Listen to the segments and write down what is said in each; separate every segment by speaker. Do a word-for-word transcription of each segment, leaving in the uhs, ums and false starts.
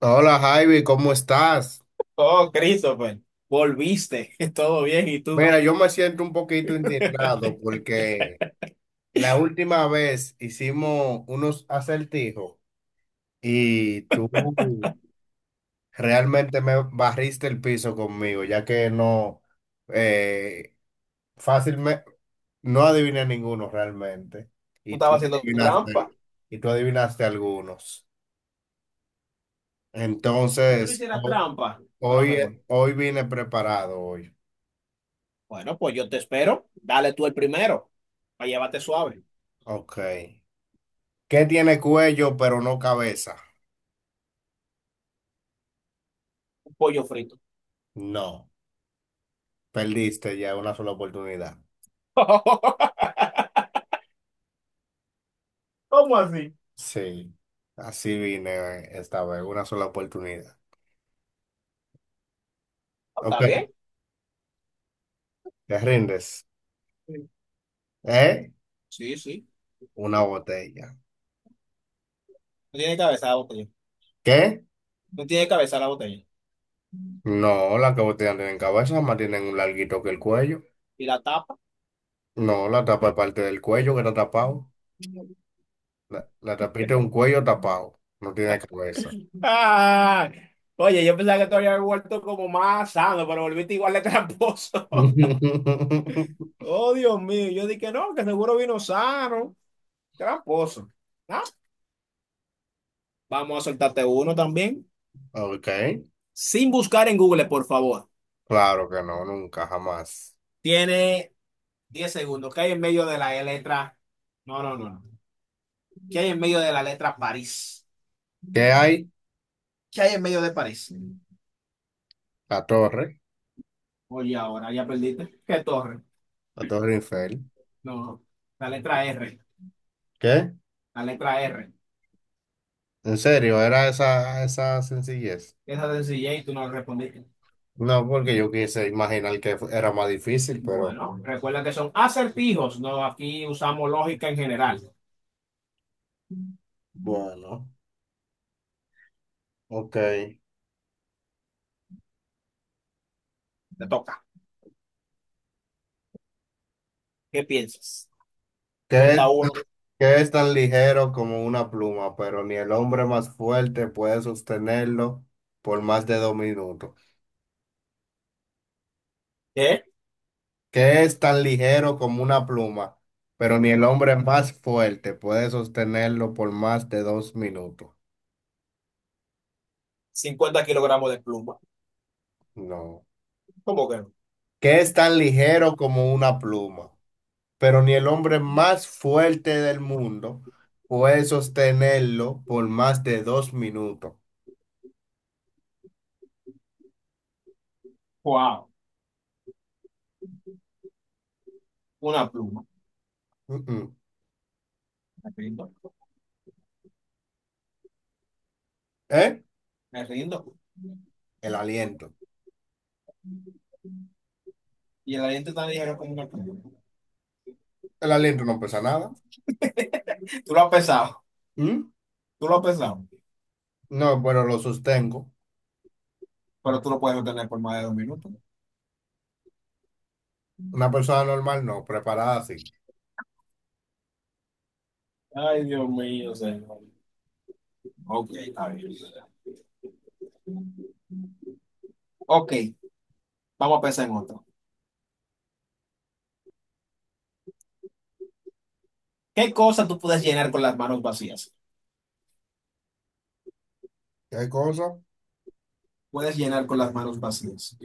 Speaker 1: Hola Javi, ¿cómo estás?
Speaker 2: Oh, Christopher, volviste, todo bien, ¿y tú?
Speaker 1: Mira, yo me siento un poquito indignado porque la última vez hicimos unos acertijos y tú realmente me barriste el piso conmigo, ya que no eh, fácilmente no adiviné ninguno realmente
Speaker 2: Tú
Speaker 1: y tú
Speaker 2: estabas haciendo trampa.
Speaker 1: adivinaste, y tú adivinaste algunos.
Speaker 2: Si tú no
Speaker 1: Entonces,
Speaker 2: hicieras
Speaker 1: ho-
Speaker 2: trampa, fuera
Speaker 1: hoy,
Speaker 2: mejor.
Speaker 1: hoy vine preparado hoy.
Speaker 2: Bueno, pues yo te espero. Dale tú el primero, para llevarte suave.
Speaker 1: Ok. ¿Qué tiene cuello pero no cabeza?
Speaker 2: Un pollo frito.
Speaker 1: No, perdiste ya una sola oportunidad.
Speaker 2: ¿Cómo así?
Speaker 1: Sí, así vine esta vez, una sola oportunidad.
Speaker 2: Oh, ¿está
Speaker 1: Ok,
Speaker 2: bien?
Speaker 1: te rindes.
Speaker 2: Sí.
Speaker 1: ¿Eh?
Speaker 2: Sí, sí.
Speaker 1: Una botella.
Speaker 2: No tiene cabeza la botella.
Speaker 1: ¿Qué?
Speaker 2: No tiene cabeza la botella.
Speaker 1: No, las que botellas no tienen cabeza, más tienen un larguito que el cuello.
Speaker 2: ¿Y la tapa?
Speaker 1: No, la tapa es parte del cuello que está tapado. La, la tapita es un cuello tapado, no tiene cabeza.
Speaker 2: Ah, oye, yo pensaba que te había vuelto como más sano, pero volviste igual de tramposo. Oh, Dios mío, yo dije que no, que seguro vino sano. Tramposo. ¿No? Vamos a soltarte uno también.
Speaker 1: Ok,
Speaker 2: Sin buscar en Google, por favor.
Speaker 1: claro que no, nunca, jamás.
Speaker 2: Tiene diez segundos. ¿Qué hay en medio de la letra? No, no, no. no. ¿Qué hay en medio de la letra París?
Speaker 1: ¿Qué hay?
Speaker 2: ¿Qué hay en medio de París?
Speaker 1: La torre.
Speaker 2: Oye, ahora ya perdiste. ¿Qué torre?
Speaker 1: La Torre Eiffel.
Speaker 2: No, no, la letra R.
Speaker 1: ¿Qué?
Speaker 2: La letra R.
Speaker 1: ¿En serio? ¿Era esa, esa sencillez?
Speaker 2: Esa sencilla y tú no respondiste.
Speaker 1: No, porque yo quise imaginar que fu- era más difícil, pero
Speaker 2: Bueno, recuerda que son acertijos. No, aquí usamos lógica en general.
Speaker 1: bueno, ok. ¿Qué
Speaker 2: Te toca. ¿Qué piensas?
Speaker 1: es,
Speaker 2: Suelta uno.
Speaker 1: qué es tan ligero como una pluma, pero ni el hombre más fuerte puede sostenerlo por más de dos minutos?
Speaker 2: ¿Qué?
Speaker 1: ¿Qué es tan ligero como una pluma, pero ni el hombre más fuerte puede sostenerlo por más de dos minutos?
Speaker 2: Cincuenta kilogramos de pluma.
Speaker 1: No.
Speaker 2: ¿Cómo que no?
Speaker 1: ¿Qué es tan ligero como una pluma? Pero ni el hombre más fuerte del mundo puede sostenerlo por más de dos minutos.
Speaker 2: Wow, una pluma.
Speaker 1: Mm-mm.
Speaker 2: Me rindo,
Speaker 1: ¿Eh?
Speaker 2: me rindo.
Speaker 1: El aliento.
Speaker 2: Y el aliento tan ligero como una pluma.
Speaker 1: El aliento no pesa nada.
Speaker 2: Tú lo has pesado,
Speaker 1: ¿Mm?
Speaker 2: tú lo has pesado,
Speaker 1: No, pero lo sostengo.
Speaker 2: pero tú lo puedes obtener por más de dos minutos.
Speaker 1: Una persona normal no, preparada así.
Speaker 2: Ay, Dios mío, señor. Ok, está bien. Ok, vamos a pensar en otro. ¿Qué cosa tú puedes llenar con las manos vacías?
Speaker 1: ¿Qué cosa?
Speaker 2: Puedes llenar con las manos vacías.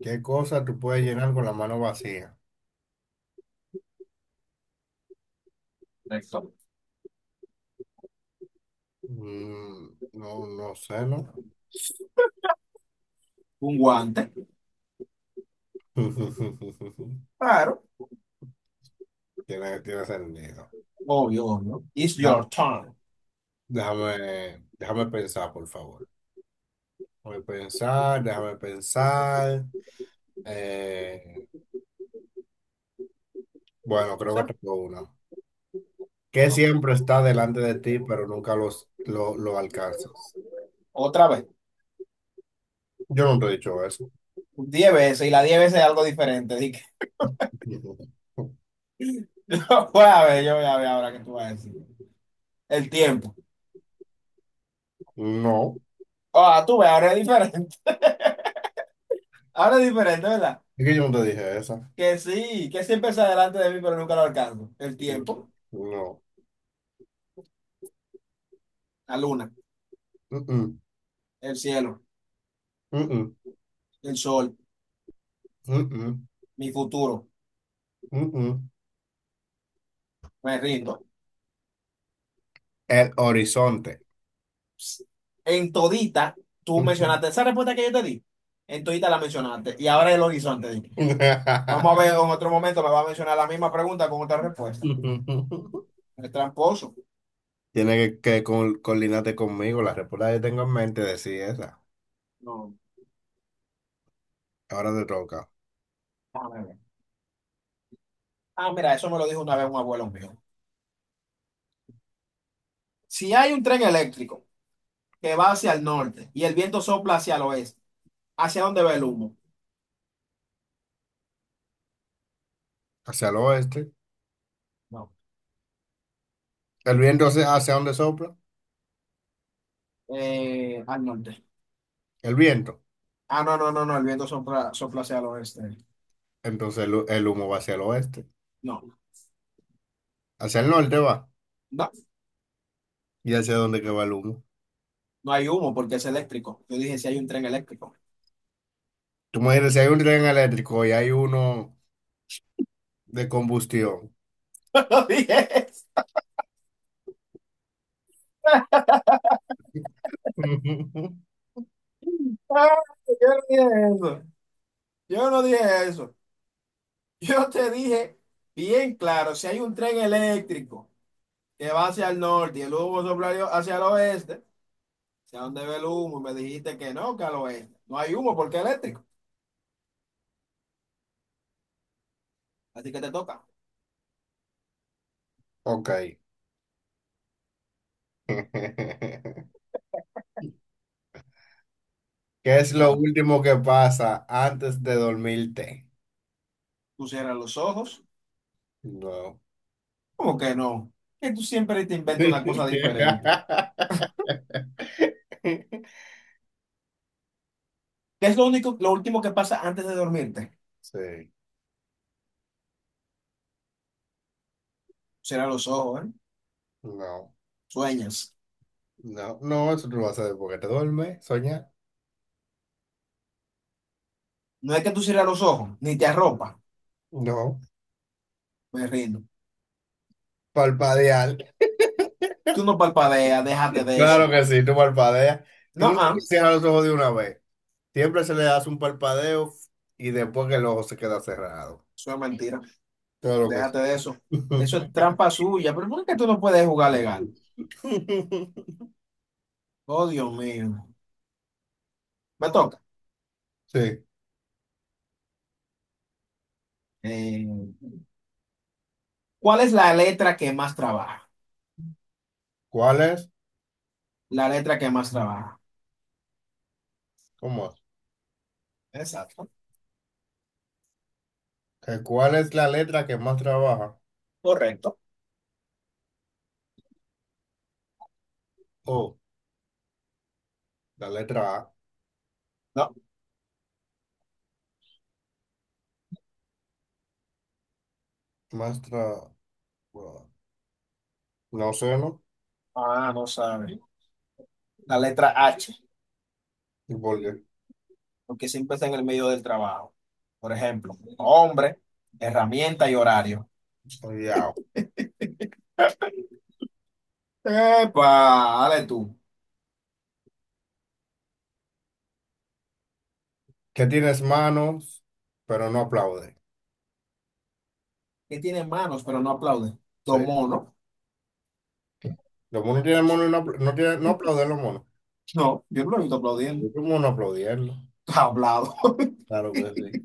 Speaker 1: ¿Qué cosa tú puedes llenar con la mano vacía?
Speaker 2: Correcto.
Speaker 1: Mm, no, no sé, ¿no?
Speaker 2: Un guante, claro,
Speaker 1: Tiene, tiene sentido.
Speaker 2: obvio, obvio. It's
Speaker 1: Da-
Speaker 2: your turn.
Speaker 1: Déjame, déjame pensar, por favor. Déjame pensar, déjame pensar. Eh, bueno, creo
Speaker 2: ¿Sí?
Speaker 1: que tengo una. Que
Speaker 2: Ok,
Speaker 1: siempre está delante de ti, pero nunca los, lo, lo alcanzas.
Speaker 2: otra vez.
Speaker 1: Yo no te he dicho eso.
Speaker 2: Diez veces, y las diez veces es algo diferente. Así que, yo voy a ver, yo voy a ver ahora qué tú vas a decir. El tiempo.
Speaker 1: No.
Speaker 2: Ah, tú ves, ahora es diferente. Ahora es diferente, ¿verdad?
Speaker 1: Es que yo no te dije esa.
Speaker 2: Que sí, que siempre está delante de mí, pero nunca lo alcanzo. El tiempo,
Speaker 1: No.
Speaker 2: la luna,
Speaker 1: Mm-mm,
Speaker 2: el cielo,
Speaker 1: mm-mm,
Speaker 2: el sol,
Speaker 1: mm-mm,
Speaker 2: mi futuro.
Speaker 1: mm-mm.
Speaker 2: Me rindo.
Speaker 1: El horizonte.
Speaker 2: Psst. En todita, tú mencionaste esa respuesta que yo te di. En todita la mencionaste. Y ahora el horizonte, dije. Vamos a ver, en otro momento me va a mencionar la misma pregunta con otra respuesta. El tramposo.
Speaker 1: Tiene que, que col- coordinarte conmigo. La respuesta que tengo en mente decía esa.
Speaker 2: No,
Speaker 1: Ahora te toca.
Speaker 2: déjame ver. Ah, mira, eso me lo dijo una vez un abuelo mío. Si hay un tren eléctrico que va hacia el norte y el viento sopla hacia el oeste. ¿Hacia dónde va el humo?
Speaker 1: Hacia el oeste.
Speaker 2: No.
Speaker 1: El viento hacia, hacia donde sopla.
Speaker 2: Eh, al norte.
Speaker 1: El viento.
Speaker 2: Ah, no, no, no, no, el viento sopla, sopla hacia el oeste.
Speaker 1: Entonces el, hu- el humo va hacia el oeste.
Speaker 2: No,
Speaker 1: Hacia el norte va.
Speaker 2: no,
Speaker 1: ¿Y hacia dónde que va el humo?
Speaker 2: no hay humo porque es eléctrico. Yo dije si hay un tren eléctrico.
Speaker 1: Tú me dices, si hay un tren eléctrico y hay uno de combustión.
Speaker 2: Yo no dije eso. Ah, yo no dije eso. Yo no dije eso. Yo te dije bien claro, si hay un tren eléctrico que va hacia el norte y el humo sopla hacia el oeste, ¿hacia dónde ve el humo? Y me dijiste que no, que al oeste. No hay humo porque es eléctrico. Así que te toca.
Speaker 1: Ok. ¿Qué es lo
Speaker 2: Vamos.
Speaker 1: último que pasa antes de dormirte?
Speaker 2: Tú cierras los ojos.
Speaker 1: No.
Speaker 2: ¿Cómo que no? Que tú siempre te inventas una cosa diferente. ¿Qué es lo único, lo último que pasa antes de dormirte?
Speaker 1: Sí.
Speaker 2: Cierra los ojos, ¿eh?
Speaker 1: No.
Speaker 2: Sueñas.
Speaker 1: No, no, eso tú lo vas a hacer porque te duermes, soñar.
Speaker 2: No, es que tú cierras los ojos, ni te arropa.
Speaker 1: No.
Speaker 2: Me rindo.
Speaker 1: Palpadear.
Speaker 2: Tú no palpadeas, déjate de
Speaker 1: Claro
Speaker 2: eso.
Speaker 1: que sí, tú palpadeas. Tú
Speaker 2: No,
Speaker 1: no
Speaker 2: ah,
Speaker 1: cierras los ojos de una vez. Siempre se le hace un parpadeo y después que el ojo se queda cerrado.
Speaker 2: eso es mentira.
Speaker 1: Claro que sí.
Speaker 2: Déjate de eso. Eso es trampa suya. Pero ¿por qué tú no puedes jugar legal? Oh, Dios mío. Me toca.
Speaker 1: Sí.
Speaker 2: Eh, ¿Cuál es la letra que más trabaja?
Speaker 1: ¿Cuál es?
Speaker 2: La letra que más trabaja.
Speaker 1: ¿Cómo es?
Speaker 2: Exacto.
Speaker 1: ¿Que ¿Cuál es la letra que más trabaja?
Speaker 2: Correcto.
Speaker 1: Oh, la letra A.
Speaker 2: No.
Speaker 1: Más tra- bueno, no sé, ¿no?
Speaker 2: Ah, no sabe. La letra H,
Speaker 1: ¿Y por qué?
Speaker 2: porque siempre está en el medio del trabajo. Por ejemplo, hombre, herramienta y horario.
Speaker 1: Ya.
Speaker 2: ¡Epa! Dale tú.
Speaker 1: Que tienes manos, pero no aplaude.
Speaker 2: Que tiene manos, pero no aplaude.
Speaker 1: Sí.
Speaker 2: Dos monos.
Speaker 1: Los monos tienen manos y no, apl- no, tienen, no aplauden los monos.
Speaker 2: No, yo no lo he visto aplaudiendo.
Speaker 1: ¿Cómo no aplaudirlo?
Speaker 2: Está hablado.
Speaker 1: Claro que sí.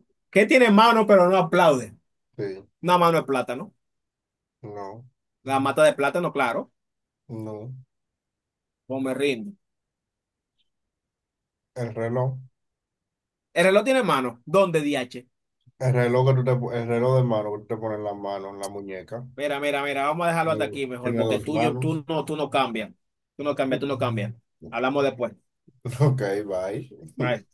Speaker 2: ¿Qué tiene mano, pero no aplaude?
Speaker 1: Sí.
Speaker 2: Una mano de plátano.
Speaker 1: No,
Speaker 2: La mata de plátano, claro.
Speaker 1: no.
Speaker 2: Pues me rindo.
Speaker 1: El reloj.
Speaker 2: ¿El reloj tiene mano? ¿Dónde, D H?
Speaker 1: El reloj que tú te, po- El reloj de mano que tú te pones en la mano, en la muñeca,
Speaker 2: Mira, mira, mira, vamos a dejarlo hasta aquí mejor,
Speaker 1: tiene
Speaker 2: porque
Speaker 1: dos
Speaker 2: tú, yo,
Speaker 1: manos.
Speaker 2: tú no, tú no cambias. Tú no cambias, tú no cambias. Hablamos después.
Speaker 1: Ok, bye.
Speaker 2: Bye.